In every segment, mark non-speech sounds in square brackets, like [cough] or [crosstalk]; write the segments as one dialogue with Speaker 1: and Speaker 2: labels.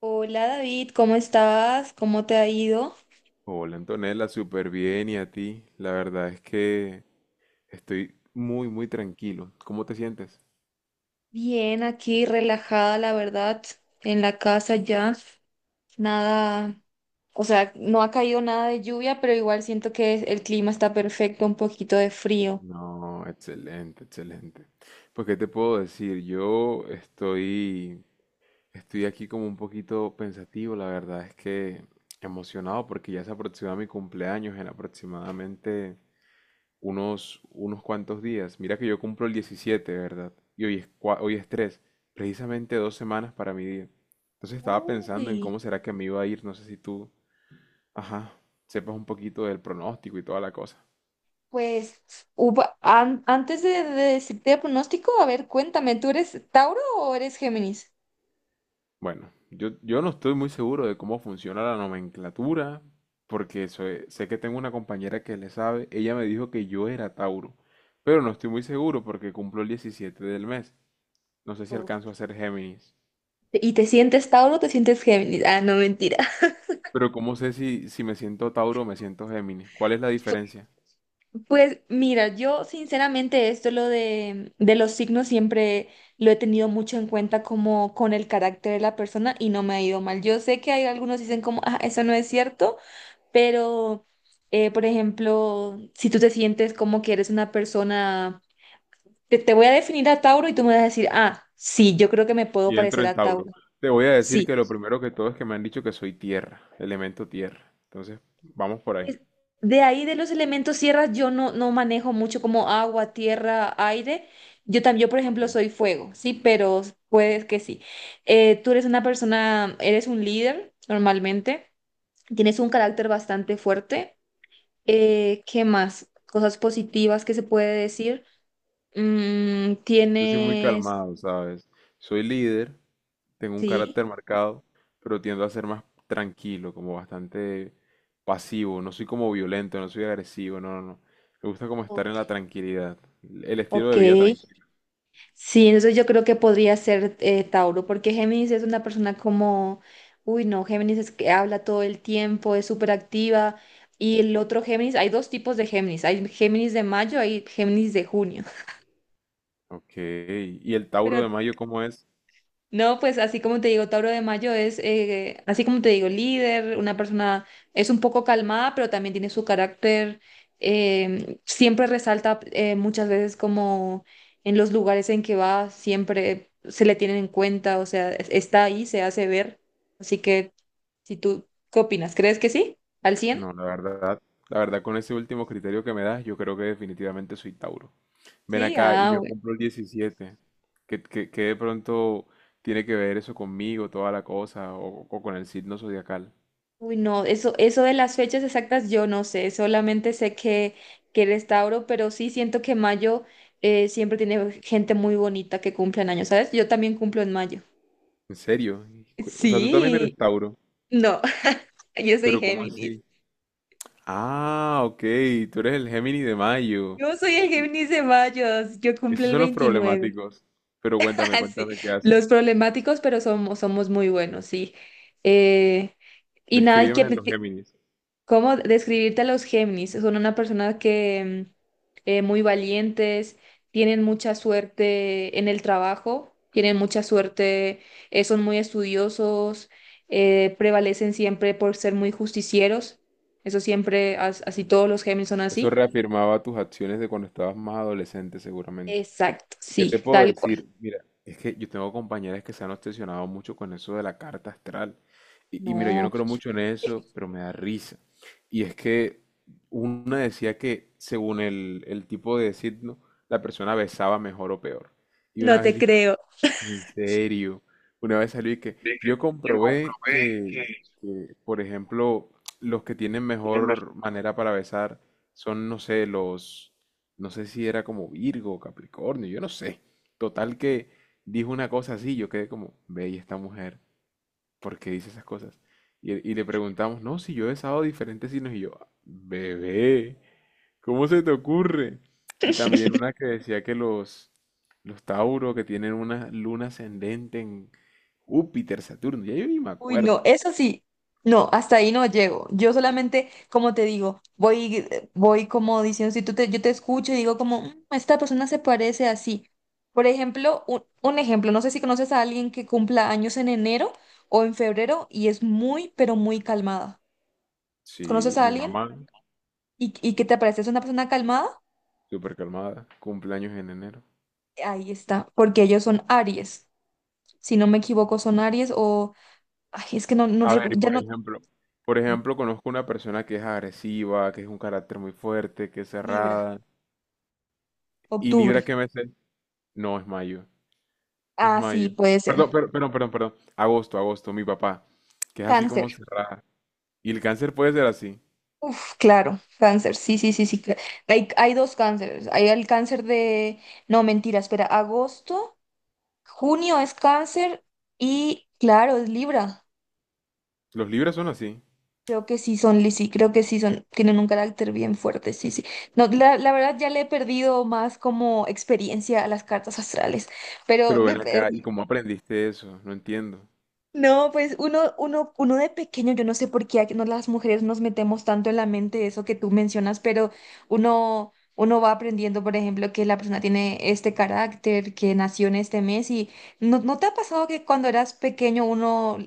Speaker 1: Hola David, ¿cómo estás? ¿Cómo te ha ido?
Speaker 2: Hola Antonella, súper bien y a ti. La verdad es que estoy muy, muy tranquilo. ¿Cómo te sientes?
Speaker 1: Bien, aquí relajada, la verdad, en la casa ya. Nada, o sea, no ha caído nada de lluvia, pero igual siento que el clima está perfecto, un poquito de frío.
Speaker 2: No, excelente, excelente. Pues, ¿qué te puedo decir? Yo estoy aquí como un poquito pensativo, la verdad es que emocionado porque ya se aproxima mi cumpleaños en aproximadamente unos cuantos días. Mira que yo cumplo el 17, ¿verdad? Y hoy es 3, precisamente 2 semanas para mi día. Entonces estaba pensando en
Speaker 1: Uy,
Speaker 2: cómo será que me iba a ir. No sé si tú, ajá, sepas un poquito del pronóstico y toda la cosa.
Speaker 1: pues antes de decirte el pronóstico, a ver, cuéntame, ¿tú eres Tauro o eres Géminis?
Speaker 2: Bueno, yo no estoy muy seguro de cómo funciona la nomenclatura, porque sé que tengo una compañera que le sabe. Ella me dijo que yo era Tauro, pero no estoy muy seguro porque cumplo el 17 del mes. No sé si
Speaker 1: Uf.
Speaker 2: alcanzo a ser Géminis.
Speaker 1: ¿Y te sientes Tauro o te sientes Géminis? Ah, no, mentira.
Speaker 2: Pero ¿cómo sé si me siento Tauro o me siento Géminis? ¿Cuál es la diferencia?
Speaker 1: Pues mira, yo sinceramente esto lo de los signos siempre lo he tenido mucho en cuenta como con el carácter de la persona y no me ha ido mal. Yo sé que hay algunos dicen como, ah, eso no es cierto, pero por ejemplo, si tú te sientes como que eres una persona, te voy a definir a Tauro y tú me vas a decir, ah, sí, yo creo que me puedo
Speaker 2: Y entro
Speaker 1: parecer
Speaker 2: en
Speaker 1: a
Speaker 2: Tauro.
Speaker 1: Tauro.
Speaker 2: Te voy a decir
Speaker 1: Sí.
Speaker 2: que lo primero que todo es que me han dicho que soy tierra, elemento tierra. Entonces, vamos por ahí.
Speaker 1: Pues de ahí de los elementos tierras yo no, no manejo mucho como agua, tierra, aire. Yo también, yo por
Speaker 2: Ok.
Speaker 1: ejemplo soy fuego, sí, pero puedes que sí. Tú eres una persona, eres un líder normalmente, tienes un carácter bastante fuerte. ¿Qué más? Cosas positivas que se puede decir. Mm,
Speaker 2: Yo soy muy
Speaker 1: tienes,
Speaker 2: calmado, ¿sabes? Soy líder, tengo un
Speaker 1: sí,
Speaker 2: carácter marcado, pero tiendo a ser más tranquilo, como bastante pasivo. No soy como violento, no soy agresivo, no, no, no. Me gusta como estar en
Speaker 1: ok.
Speaker 2: la tranquilidad, el estilo
Speaker 1: Ok.
Speaker 2: de vida tranquilo.
Speaker 1: Sí, entonces yo creo que podría ser Tauro, porque Géminis es una persona como, uy, no, Géminis es que habla todo el tiempo, es súper activa. Y el otro Géminis, hay dos tipos de Géminis, hay Géminis de mayo, hay Géminis de junio.
Speaker 2: Ok. ¿Y el
Speaker 1: [laughs]
Speaker 2: Tauro de
Speaker 1: Pero
Speaker 2: Mayo cómo es?
Speaker 1: no, pues así como te digo, Tauro de Mayo es, así como te digo, líder, una persona es un poco calmada, pero también tiene su carácter, siempre resalta muchas veces como en los lugares en que va, siempre se le tienen en cuenta, o sea, está ahí, se hace ver. Así que, si tú, ¿qué opinas? ¿Crees que sí? ¿Al cien?
Speaker 2: No, la verdad, con ese último criterio que me das, yo creo que definitivamente soy Tauro. Ven
Speaker 1: Sí,
Speaker 2: acá y
Speaker 1: ah,
Speaker 2: yo compro el 17. ¿Qué de pronto tiene que ver eso conmigo, toda la cosa, o con el signo zodiacal?
Speaker 1: uy, no, eso de las fechas exactas yo no sé, solamente sé que eres Tauro, pero sí siento que mayo siempre tiene gente muy bonita que cumple en años, ¿sabes? Yo también cumplo en mayo.
Speaker 2: ¿En serio? O sea, tú también
Speaker 1: Sí,
Speaker 2: eres Tauro,
Speaker 1: no, [laughs] yo soy
Speaker 2: pero ¿cómo
Speaker 1: Géminis.
Speaker 2: así? Ah, ok, tú eres el Géminis de mayo.
Speaker 1: Yo soy el Géminis de mayo, yo cumplo
Speaker 2: Esos
Speaker 1: el
Speaker 2: son los
Speaker 1: 29.
Speaker 2: problemáticos. Pero cuéntame,
Speaker 1: [laughs] Sí,
Speaker 2: cuéntame qué hacen.
Speaker 1: los problemáticos, pero somos muy buenos, sí. Eh, y nada, ¿y qué,
Speaker 2: Descríbeme los Géminis.
Speaker 1: ¿cómo describirte a los Géminis? Son una persona que muy valientes, tienen mucha suerte en el trabajo, tienen mucha suerte, son muy estudiosos, prevalecen siempre por ser muy justicieros. Eso siempre, así todos los Géminis son
Speaker 2: Eso
Speaker 1: así.
Speaker 2: reafirmaba tus acciones de cuando estabas más adolescente, seguramente.
Speaker 1: Exacto,
Speaker 2: ¿Qué
Speaker 1: sí,
Speaker 2: te puedo
Speaker 1: tal cual.
Speaker 2: decir? Mira, es que yo tengo compañeras que se han obsesionado mucho con eso de la carta astral. Y mira, yo
Speaker 1: No,
Speaker 2: no creo mucho en eso, pero me da risa. Y es que una decía que según el tipo de signo, la persona besaba mejor o peor. Y
Speaker 1: no
Speaker 2: una vez
Speaker 1: te
Speaker 2: dijo,
Speaker 1: creo.
Speaker 2: en serio, una vez salió y que
Speaker 1: De que
Speaker 2: yo
Speaker 1: yo
Speaker 2: comprobé
Speaker 1: comprobé
Speaker 2: que,
Speaker 1: que,
Speaker 2: que, por ejemplo, los que tienen mejor manera para besar son, no sé, los, no sé si era como Virgo Capricornio, yo no sé. Total que dijo una cosa así, yo quedé como, ve, ¿y esta mujer, ¿por qué dice esas cosas? Y le preguntamos, no, si yo he besado diferentes signos, y yo, bebé, ¿cómo se te ocurre? Y también una que decía que los Tauro que tienen una luna ascendente en Júpiter, Saturno, ya yo ni me
Speaker 1: uy, no,
Speaker 2: acuerdo.
Speaker 1: eso sí, no, hasta ahí no llego. Yo solamente, como te digo, voy, voy como diciendo, si tú te, yo te escucho y digo como, "Mm, esta persona se parece así". Por ejemplo, un ejemplo, no sé si conoces a alguien que cumpla años en enero o en febrero y es muy, pero muy calmada. ¿Conoces
Speaker 2: Sí,
Speaker 1: a
Speaker 2: mi
Speaker 1: alguien
Speaker 2: mamá,
Speaker 1: y que te parece es una persona calmada?
Speaker 2: súper calmada, cumpleaños en enero.
Speaker 1: Ahí está, porque ellos son Aries. Si no me equivoco, son Aries o, ay, es que no, no,
Speaker 2: A ver, y
Speaker 1: ya
Speaker 2: por
Speaker 1: no,
Speaker 2: ejemplo, por ejemplo, conozco una persona que es agresiva, que es un carácter muy fuerte, que es
Speaker 1: Libra,
Speaker 2: cerrada. ¿Y
Speaker 1: octubre.
Speaker 2: Libra qué mes es? No, es mayo, es
Speaker 1: Ah, sí,
Speaker 2: mayo.
Speaker 1: puede ser.
Speaker 2: Perdón, perdón, perdón, perdón. Agosto, agosto, mi papá, que es así como
Speaker 1: Cáncer.
Speaker 2: cerrada. Y el cáncer puede ser así.
Speaker 1: Uf, claro, cáncer, sí, sí, sí, sí. Hay, hay dos cánceres. Hay el cáncer de... No, mentira, espera, agosto, junio es cáncer y claro, es Libra.
Speaker 2: Los libros son así.
Speaker 1: Creo que sí son, sí, creo que sí son, tienen un carácter bien fuerte, sí, sí. No, la verdad ya le he perdido más como experiencia a las cartas astrales, pero
Speaker 2: Pero ven
Speaker 1: me,
Speaker 2: acá, ¿y cómo aprendiste eso? No entiendo.
Speaker 1: no, pues uno de pequeño, yo no sé por qué aquí no, las mujeres nos metemos tanto en la mente eso que tú mencionas, pero uno va aprendiendo, por ejemplo, que la persona tiene este carácter, que nació en este mes y ¿no, no te ha pasado que cuando eras pequeño uno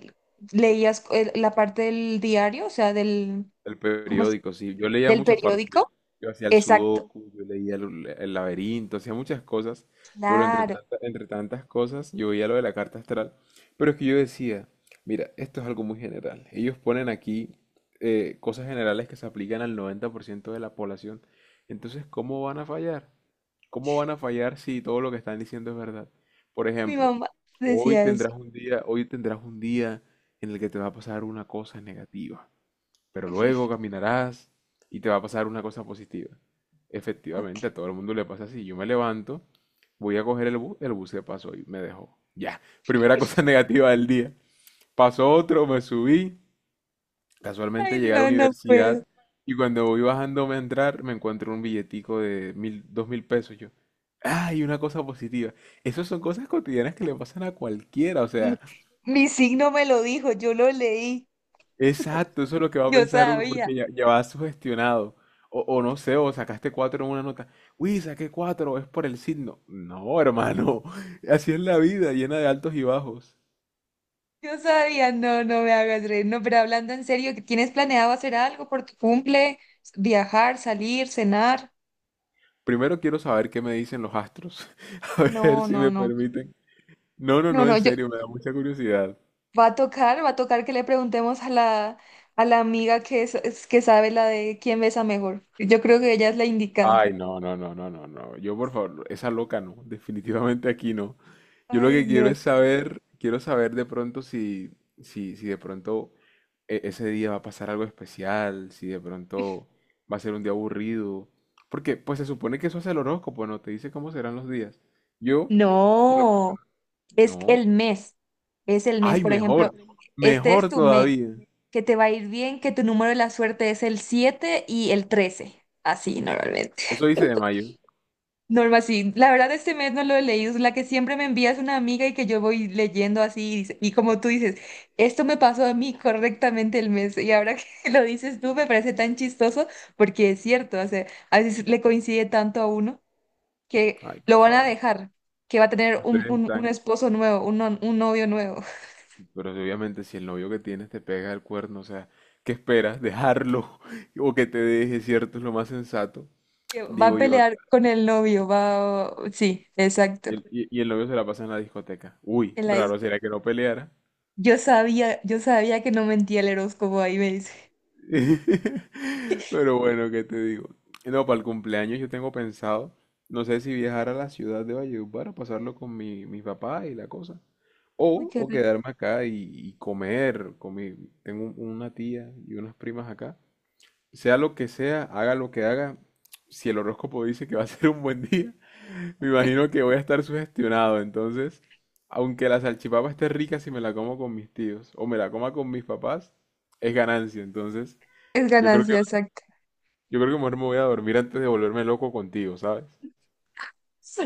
Speaker 1: leías la parte del diario, o sea, del,
Speaker 2: El
Speaker 1: ¿cómo se-
Speaker 2: periódico, sí. Yo leía
Speaker 1: del
Speaker 2: muchas partes. Yo,
Speaker 1: periódico?
Speaker 2: yo hacía el
Speaker 1: Exacto,
Speaker 2: sudoku, yo leía el laberinto, hacía muchas cosas. Pero
Speaker 1: claro.
Speaker 2: entre tantas cosas, yo veía lo de la carta astral. Pero es que yo decía, mira, esto es algo muy general. Ellos ponen aquí cosas generales que se aplican al 90% de la población. Entonces, ¿cómo van a fallar? ¿Cómo van a fallar si todo lo que están diciendo es verdad? Por
Speaker 1: Mi
Speaker 2: ejemplo,
Speaker 1: mamá
Speaker 2: hoy
Speaker 1: decía eso.
Speaker 2: tendrás un día, hoy tendrás un día en el que te va a pasar una cosa negativa, pero luego caminarás y te va a pasar una cosa positiva.
Speaker 1: Ok.
Speaker 2: Efectivamente, a todo el mundo le pasa así. Yo me levanto, voy a coger el bus se pasó y me dejó. Ya, primera cosa [laughs] negativa del día. Pasó otro, me subí, casualmente
Speaker 1: Ay,
Speaker 2: llegué a la
Speaker 1: no, no puedo.
Speaker 2: universidad y cuando voy bajándome a entrar me encuentro un billetico de mil, 2.000 pesos. Yo, ¡ay! Una cosa positiva. Esas son cosas cotidianas que le pasan a cualquiera. O
Speaker 1: Mi
Speaker 2: sea,
Speaker 1: mi signo me lo dijo, yo lo leí.
Speaker 2: exacto, eso es lo que va a
Speaker 1: Yo
Speaker 2: pensar uno
Speaker 1: sabía,
Speaker 2: porque ya va sugestionado. O no sé, o sacaste cuatro en una nota. Uy, saqué cuatro, es por el signo. No, hermano, [laughs] así es la vida, llena de altos y bajos.
Speaker 1: yo sabía, no, no me hagas reír, no, pero hablando en serio, ¿que ¿tienes planeado hacer algo por tu cumple? ¿Viajar, salir, cenar?
Speaker 2: Primero quiero saber qué me dicen los astros. [laughs] A ver
Speaker 1: No,
Speaker 2: si
Speaker 1: no,
Speaker 2: me
Speaker 1: no,
Speaker 2: permiten. No, no,
Speaker 1: no,
Speaker 2: no,
Speaker 1: no,
Speaker 2: en
Speaker 1: yo,
Speaker 2: serio, me da mucha curiosidad.
Speaker 1: va a tocar que le preguntemos a la amiga que, es, que sabe la de quién besa mejor. Yo creo que ella es la indicada.
Speaker 2: Ay, no, no, no, no, no, no. Yo, por favor, esa loca no. Definitivamente aquí no. Yo lo
Speaker 1: Ay,
Speaker 2: que quiero
Speaker 1: no.
Speaker 2: es saber, quiero saber de pronto si, si de pronto ese día va a pasar algo especial, si de pronto va a ser un día aburrido. Porque, pues se supone que eso hace el horóscopo, ¿no? Te dice cómo serán los días. Yo, en lo
Speaker 1: No,
Speaker 2: personal,
Speaker 1: es
Speaker 2: no.
Speaker 1: el mes, es el mes,
Speaker 2: Ay,
Speaker 1: por ejemplo,
Speaker 2: mejor,
Speaker 1: este es
Speaker 2: mejor
Speaker 1: tu mes.
Speaker 2: todavía.
Speaker 1: Que te va a ir bien, que tu número de la suerte es el 7 y el 13. Así normalmente.
Speaker 2: Eso dice de mayo.
Speaker 1: [laughs] Norma, sí. La verdad, este mes no lo he leído. Es la que siempre me envía es una amiga y que yo voy leyendo así. Y y como tú dices, esto me pasó a mí correctamente el mes. Y ahora que [laughs] lo dices tú, me parece tan chistoso porque es cierto. O sea, a veces le coincide tanto a uno que
Speaker 2: Ay,
Speaker 1: lo
Speaker 2: por
Speaker 1: van a
Speaker 2: favor.
Speaker 1: dejar, que va a tener un,
Speaker 2: Ustedes
Speaker 1: un, un
Speaker 2: están.
Speaker 1: esposo nuevo, un, no- un novio nuevo,
Speaker 2: Pero si obviamente si el novio que tienes te pega el cuerno, o sea, ¿qué esperas? ¿Dejarlo? [laughs] O que te deje, ¿cierto? Es lo más sensato,
Speaker 1: [laughs] que va a
Speaker 2: digo yo
Speaker 1: pelear
Speaker 2: acá.
Speaker 1: con el novio. Va, sí, exacto.
Speaker 2: Y el novio se la pasa en la discoteca. Uy, raro sería que no peleara.
Speaker 1: Yo sabía que no mentía el horóscopo, ahí me dice.
Speaker 2: [laughs] Pero bueno, ¿qué te digo? No, para el cumpleaños yo tengo pensado, no sé si viajar a la ciudad de Valledupar o pasarlo con mi papá y la cosa.
Speaker 1: Uy,
Speaker 2: O,
Speaker 1: qué
Speaker 2: o
Speaker 1: rico.
Speaker 2: quedarme acá y comer. Tengo una tía y unas primas acá. Sea lo que sea, haga lo que haga, si el horóscopo dice que va a ser un buen día, [laughs] me imagino que voy a estar sugestionado. Entonces, aunque la salchipapa esté rica, si me la como con mis tíos o me la coma con mis papás, es ganancia. Entonces,
Speaker 1: Es
Speaker 2: yo creo que,
Speaker 1: ganancia, exacto.
Speaker 2: yo creo que mejor me voy a dormir antes de volverme loco contigo, ¿sabes?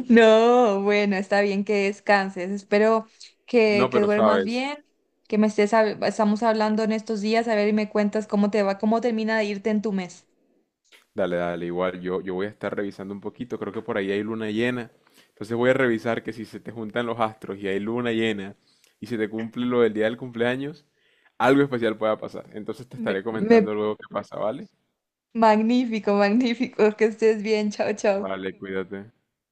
Speaker 1: No, bueno, está bien que descanses. Espero
Speaker 2: No,
Speaker 1: que
Speaker 2: pero
Speaker 1: duermas
Speaker 2: sabes,
Speaker 1: bien, que me estés, estamos hablando en estos días, a ver y me cuentas cómo te va, cómo termina de irte en tu mes.
Speaker 2: dale, dale, igual yo voy a estar revisando un poquito, creo que por ahí hay luna llena, entonces voy a revisar que si se te juntan los astros y hay luna llena y se te cumple lo del día del cumpleaños, algo especial pueda pasar, entonces te estaré
Speaker 1: Me, me-
Speaker 2: comentando luego qué pasa, ¿vale?
Speaker 1: Magnífico, magnífico, que estés bien, chao, chao.
Speaker 2: Vale, cuídate.